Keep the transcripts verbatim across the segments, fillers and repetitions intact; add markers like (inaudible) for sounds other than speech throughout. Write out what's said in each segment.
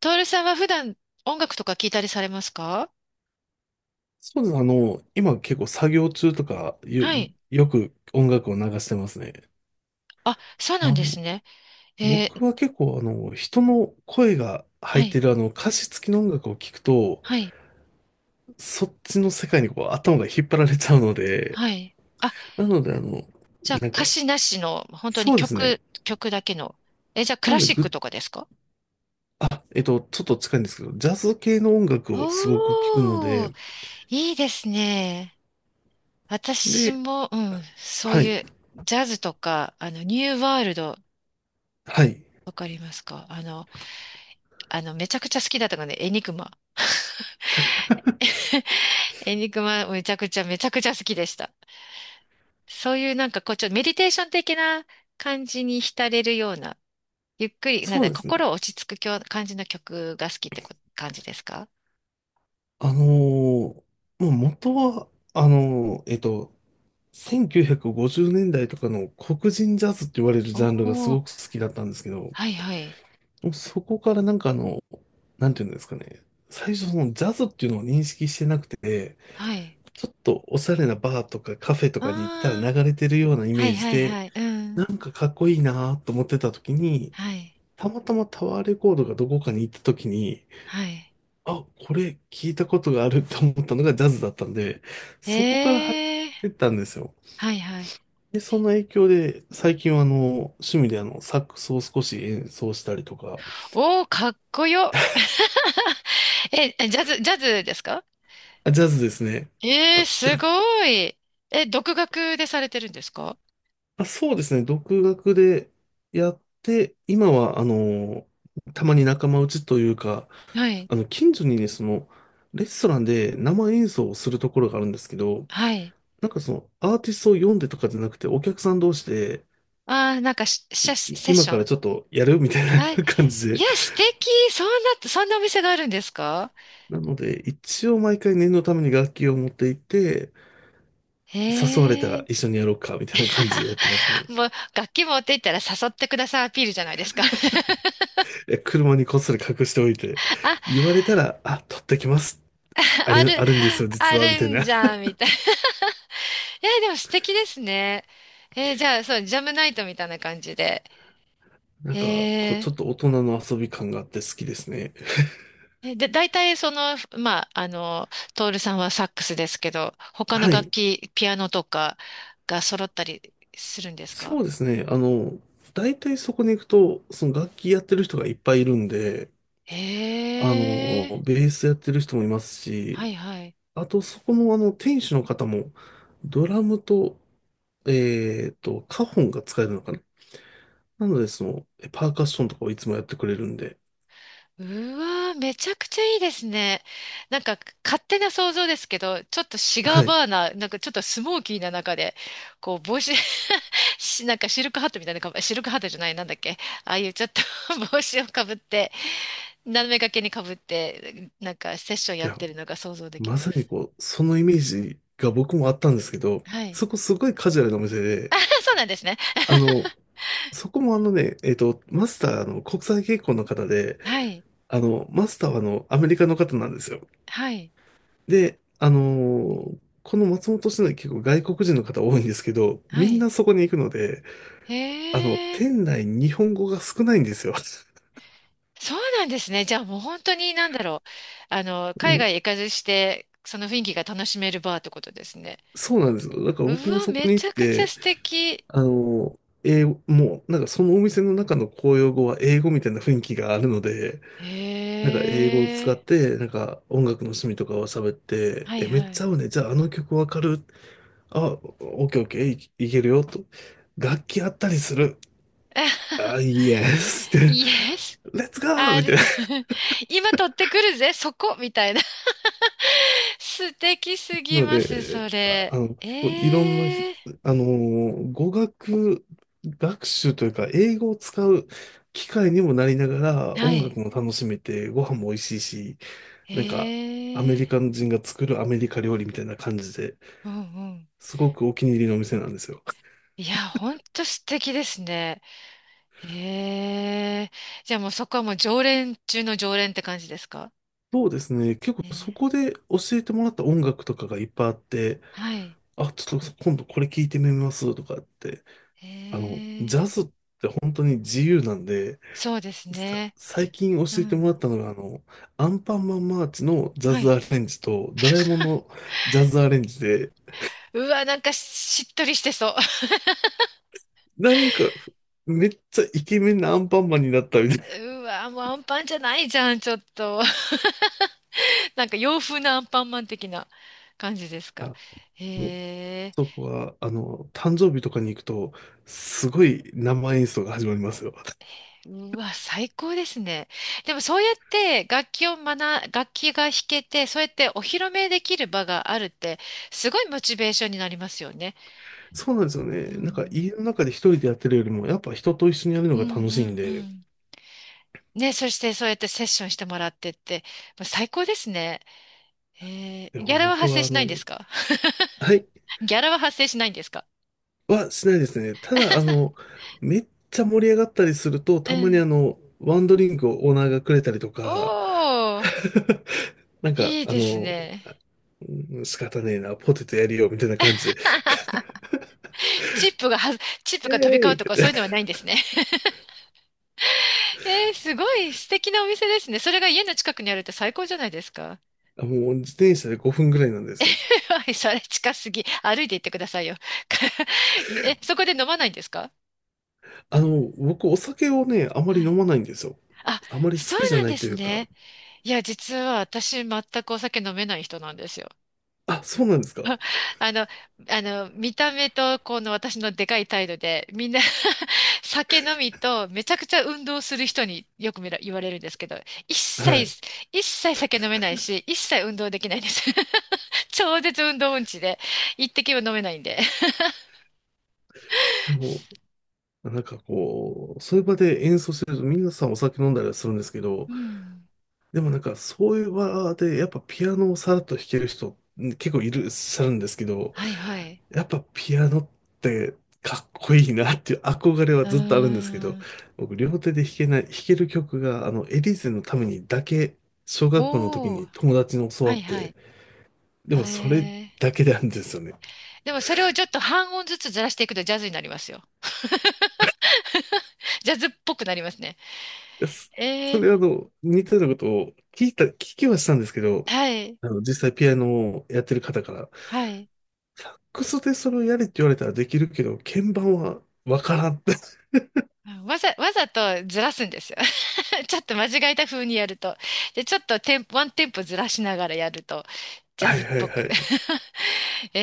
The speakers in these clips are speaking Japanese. トールさんは普段音楽とか聞いたりされますか？そうです。あの、今結構作業中とかよ、はい。よく音楽を流してますね。あ、そうなんあですの、ね。え僕ーは結構あの、人の声が入はってい、るあの、歌詞付きの音楽を聞くと、はい、そっちの世界にこう頭が引っ張られちゃうので、はい。あ、なのであの、じゃあなん歌か、詞なしの、本当にそうですね。曲、曲だけの。え、じゃあクなラのでシックぐ、とかですか？えっと、ちょっと近いんですけど、ジャズ系の音楽をすごく聞くのおー、で、いいですね。私で、も、うん、そうはい、いうジャズとか、あの、ニューワールド、はい、わかりますか？あの、あの、めちゃくちゃ好きだったので、エニグマ。(laughs) エニグマ、めちゃくちゃ、めちゃくちゃ好きでした。そういうなんかこう、ちょっとメディテーション的な感じに浸れるような、ゆっくり、なんそうだ、ですね。心を落ち着くきょ感じの曲が好きってこ感じですか？あのーもう元は、あのーえっと、せんきゅうひゃくごじゅうねんだいとかの黒人ジャズって言われるおジャンルがすおー、ごく好きだったんですけど、もはいはい、うそこからなんかあの、なんていうんですかね、最初そのジャズっていうのを認識してなくて、はい。ちょっとおしゃれなバーとかカフェとあかに行ったらあ、流れてるようなイはメいージはいで、はい、うなん、んかかっこいいなと思ってた時に、はい、たまたまタワーレコードがどこかに行った時に、はい。あ、これ聞いたことがあると思ったのがジャズだったんで、そこから入ええー、ってったんですよ。はいはいはいうんはいはいええはいはい。で、その影響で、最近はあの、趣味であの、サックスを少し演奏したりとか、おお、かっこよ。(laughs) え、ジャズ、ジャズですか？あ、ジャズですね。ええ、すごい。え、独学でされてるんですか？あ、そうですね、独学でやって、今はあの、たまに仲間内というか、はい、あの、近所にね、その、レストランで生演奏をするところがあるんですけど、はい。なんかその、アーティストを読んでとかじゃなくて、お客さん同士で、ああ、なんかし、しいセッ今シかョらン。ちょっとやるみたいな はい。 (laughs) 感じいで、や、素敵。そんな、そんなお店があるんですか？なので、一応毎回念のために楽器を持っていて、誘われたへえ。ら一緒にやろうか、みたいな感じでやってます (laughs) ね。もう、楽器持って行ったら誘ってくださいアピールじゃないですか。え車にこっそり隠しておいて、(laughs) あ、言われたら、あ、取ってきます。ああれ、る、あるんですよ、実あは、みるたいんな。じゃん、みたいな。(laughs) えー、でも素敵ですね。えー、じゃあ、そう、ジャムナイトみたいな感じで。(laughs) なんか、こう、えーちょっと大人の遊び感があって好きですね。えで、大体その、まあ、あの、トールさんはサックスですけど、他のは楽い。器、ピアノとかが揃ったりするんですか？そうですね。あの、大体そこに行くと、その楽器やってる人がいっぱいいるんで、あええ、の、ベースやってる人もいますはし、いはい。あと、そこの、あの、店主の方も、ドラムと、えっと、カホンが使えるのかな。なので、その、えパーカッションとかをいつもやってくれるんで、うわー、めちゃくちゃいいですね。なんか勝手な想像ですけど、ちょっとシガーはい。いバーナー、なんかちょっとスモーキーな中で、こう帽子 (laughs) し、なんかシルクハットみたいなかぶ、シルクハットじゃない、なんだっけ、ああいうちょっと (laughs) 帽子をかぶって、斜め掛けにかぶって、なんかセッションやっや、てるのが想像できままさにす。こう、そのイメージが僕もあったんですけど、はい。そこすごいカジュアルなお店で、あ、そうなんですね。(laughs) あの、そこもあのね、えっと、マスターあの国際結婚の方で、はい。あの、マスターはあの、アメリカの方なんですよ。はい。で、あのーこの松本市内結構外国人の方多いんですけど、はみんい。なそこに行くので、へあの、え。店内日本語が少ないんですよ。(laughs) そうなんですね。じゃあもう本当になんだろう。あの、も海う外行かずして、その雰囲気が楽しめるバーってことですね。そうなんですよ。だからう僕もわ、そこめに行ちっゃくちゃて、素敵。あの、英語、もう、なんかそのお店の中の公用語は英語みたいな雰囲気があるので、へなんか英語を使っえ。て、なんか音楽の趣味とかを喋って、はいえ、めっはちゃい。合うね。じゃああの曲わかる。あ、オッケーオッケー、い、いけるよ、と。楽器あったりする。あ、(laughs) イエスって、Yes, レッツゴーあ みたい r な。(laughs) 今取ってくるぜ、そこみたいな。(laughs) 素敵すなぎのます、そで、あ、れ。あの、結構いろんなひ、ええ、あのー語学学習というか、英語を使う機会にもなりながら、は音い。楽も楽しめて、ご飯も美味しいし、えなんか、アメリカえ、人が作るアメリカ料理みたいな感じで、うんうん。すごくお気に入りのお店なんですよ。いや、ほんと素敵ですね。へえ。じゃあもうそこはもう常連中の常連って感じですかそうですね。結ね？構そこで教えてもらった音楽とかがいっぱいあって、はい。あ、ちょっと今度これ聞いてみますとかって、へあの、え。ジャズって本当に自由なんで、そうですさ、ね。最近教うえてもらっん。たのが、あの、アンパンマンマーチのジャはズい。アレンジと、ドラえもんのジャズアレンジで、うわ、なんかしっとりしてそう。なんか、めっちゃイケメンなアンパンマンになったみたい (laughs) うわ、もうアンパンじゃないじゃん、ちょっと。(laughs) なんか洋風なアンパンマン的な感じですか。な。(laughs) もうへえ。そこは、あの、誕生日とかに行くと、すごい生演奏が始まりますよ。うわ、最高ですね。でもそうやって楽器を学、楽器が弾けて、そうやってお披露目できる場があるって、すごいモチベーションになりますよね。そうなんですよね。うなんか、家ん、の中で一人でやってるよりも、やっぱ人と一緒にやるのうがん、楽うしいんん。うで、ん、ね、そしてそうやってセッションしてもらってって、まあ最高ですね。えでー、ギもャラは僕発生は、あしないの、んですか？ はい、 (laughs) ギャラは発生しないんですか？はしないですね。ただ、あの、めっちゃ盛り上がったりすると、うたまにん。あの、ワンドリンクをオーナーがくれたりとか、おー、(laughs) なんか、いいあですの、ね。うん仕方ねえな、ポテトやるよ、みたいな感じで、(laughs) チップがは、チップイエが飛びーイ交うみとかそたういうのいはないんですね。(laughs) えー、すごい素敵なお店ですね。それが家の近くにあるって最高じゃないですか。な。もう自転車でごふんぐらいなんですよ。(laughs) はい、それ近すぎ。歩いて行ってくださいよ。(laughs) え、そこで飲まないんですか？あの、僕、お酒をね、あまりは飲い。まないんですよ。あ、あまり好そうきじゃなんなでいとすいうか。ね。いや、実は私全くお酒飲めない人なんですよ。あ、そうなんですか。(laughs) あの、あの、見た目とこの私のでかい態度で、みんな (laughs) 酒飲みとめちゃくちゃ運動する人によく見ら、言われるんですけど、一はい。切、一切酒飲めないし、一切運動できないんです。(laughs) 超絶運動音痴で、一滴も飲めないんで。(laughs) でも、なんかこう、そういう場で演奏してると、皆さんお酒飲んだりはするんですけど、うん。でもなんかそういう場でやっぱピアノをさらっと弾ける人ん結構いらっしゃるんですけど、はいはい。やっぱピアノってかっこいいなっていう憧れはうーずっとあるんですけど、ん。僕両手で弾けない、弾ける曲があのエリーゼのためにだけ、小学校の時おにー。友達に教はわっいはて、い。でえもそれー。だけなんですよね。いでもそれをちょっと半音ずつずらしていくとジャズになりますよ。ジャズっぽくなりますね。やそえそー、れあの似たようなことを聞いた、聞きはしたんですけど、はい、あの実際ピアノをやってる方から、はい。ックスでそれをやれって言われたらできるけど、鍵盤はわからんって。わざ、わざとずらすんですよ。(laughs) ちょっと間違えた風にやると。で、ちょっとテンポ、ワンテンポずらしながらやると、(laughs) ジャはズいっはいぽはく。い。(laughs) え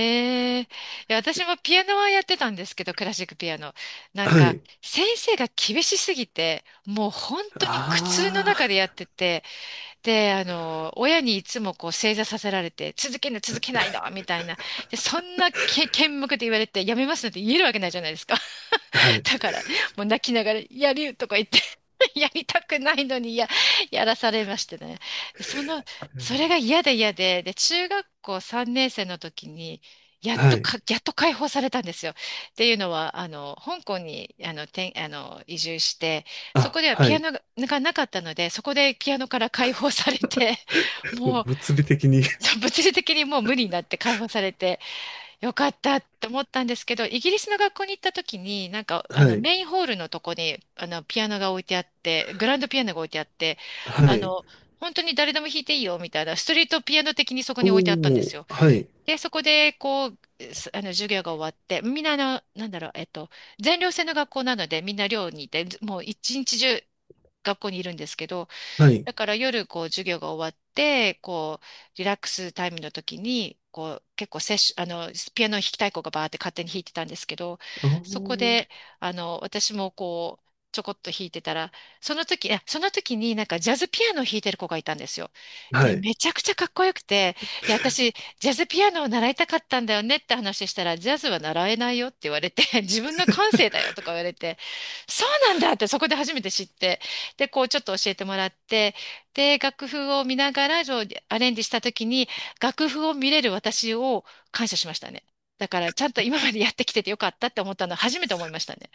ー、いや私もピアノはやってたんですけど、クラシックピアノ。なんはか、い。先生が厳しすぎて、もう本当に苦痛のあ中でやってて、で、あの、親にいつもこう正座させられて、続けない続けないのみたいな。で、そんなけ、剣幕で言われて、やめますなんて言えるわけないじゃないですか。あ。はい。(laughs) だから、もう泣きながら、やるとか言って (laughs) やりたくないのにや、やらされましてね。その、それが嫌で嫌で、で、中学校さんねん生の時に、やっはとい。か、やっと解放されたんですよ。っていうのは、あの、香港に、あの、てんあの、移住して、そあ、こでははピアい。ノががなかったので、そこでピアノから解放されて、もうもう、物理的に。 物理的にもう無理になって解放されて、よかったって思ったんですけど、イギリスの学校に行った時に、なんか、(laughs) あはの、い。メインホールのとこに、あの、ピアノが置いてあって、グランドピアノが置いてあって、はあい。の、本当に誰でも弾いていいよ、みたいな、ストリートピアノ的にそこおに置いてあったんでお、すよ。はい。で、そこで、こう、すあの、授業が終わって、みんな、あの、なんだろう、えっと、全寮制の学校なので、みんな寮にいて、ずもう一日中学校にいるんですけど、はい。だから夜こう授業が終わって、こうリラックスタイムの時に、こう結構セッション、あの、ピアノ弾きたい子がバーって勝手に弾いてたんですけど、あそこーで、あの、私もこう、ちょこっと弾いてたら、その時、いやその時になんかジャズピアノを弾いてる子がいたんですよ。はで、い。めちゃくちゃかっこよくて、いや、私、ジャズピアノを習いたかったんだよねって話したら、ジャズは習えないよって言われて、(laughs) 自分の感性だよとか言われて、そうなんだってそこで初めて知って、で、こうちょっと教えてもらって、で、楽譜を見ながら、そうアレンジした時に、楽譜を見れる私を感謝しましたね。だから、ちゃんと今までやってきててよかったって思ったのは初めて思いましたね。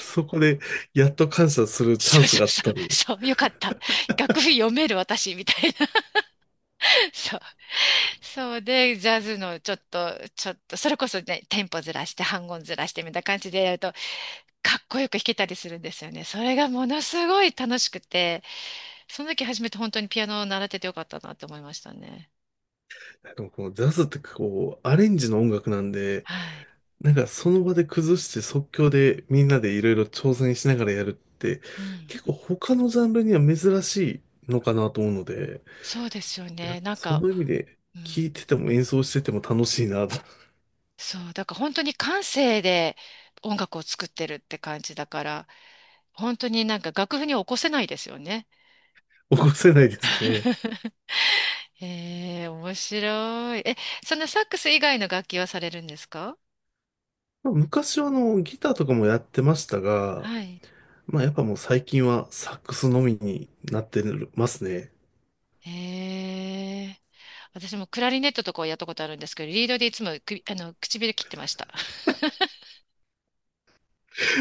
そこで、やっと感謝するチャそンうスそうがあっそたの。う、そう、よかった。楽譜読める私みたいな。そう。そうで、ジャズのちょっと、ちょっと、それこそね、テンポずらして、半音ずらしてみたいな感じでやると、かっこよく弾けたりするんですよね。それがものすごい楽しくて、その時初めて本当にピアノを習っててよかったなって思いましたね。のこのジャズってこう、アレンジの音楽なんで、はい。なんかその場で崩して即興でみんなでいろいろ挑戦しながらやるってうん。結構他のジャンルには珍しいのかなと思うので、そうですよいや、ね。なんそか、の意味でう聴ん、いてても演奏してても楽しいなと。 (laughs) そう、だから本当に感性で音楽を作ってるって感じだから、本当になんか楽譜に起こせないですよね。起こせないですね。(laughs) ええ、面白い。え、そのサックス以外の楽器はされるんですか？まあ昔はあのギターとかもやってましたが、はい。まあやっぱもう最近はサックスのみになってますね。ええ私もクラリネットとかをやったことあるんですけど、リードでいつも首あの、唇切ってました。(laughs)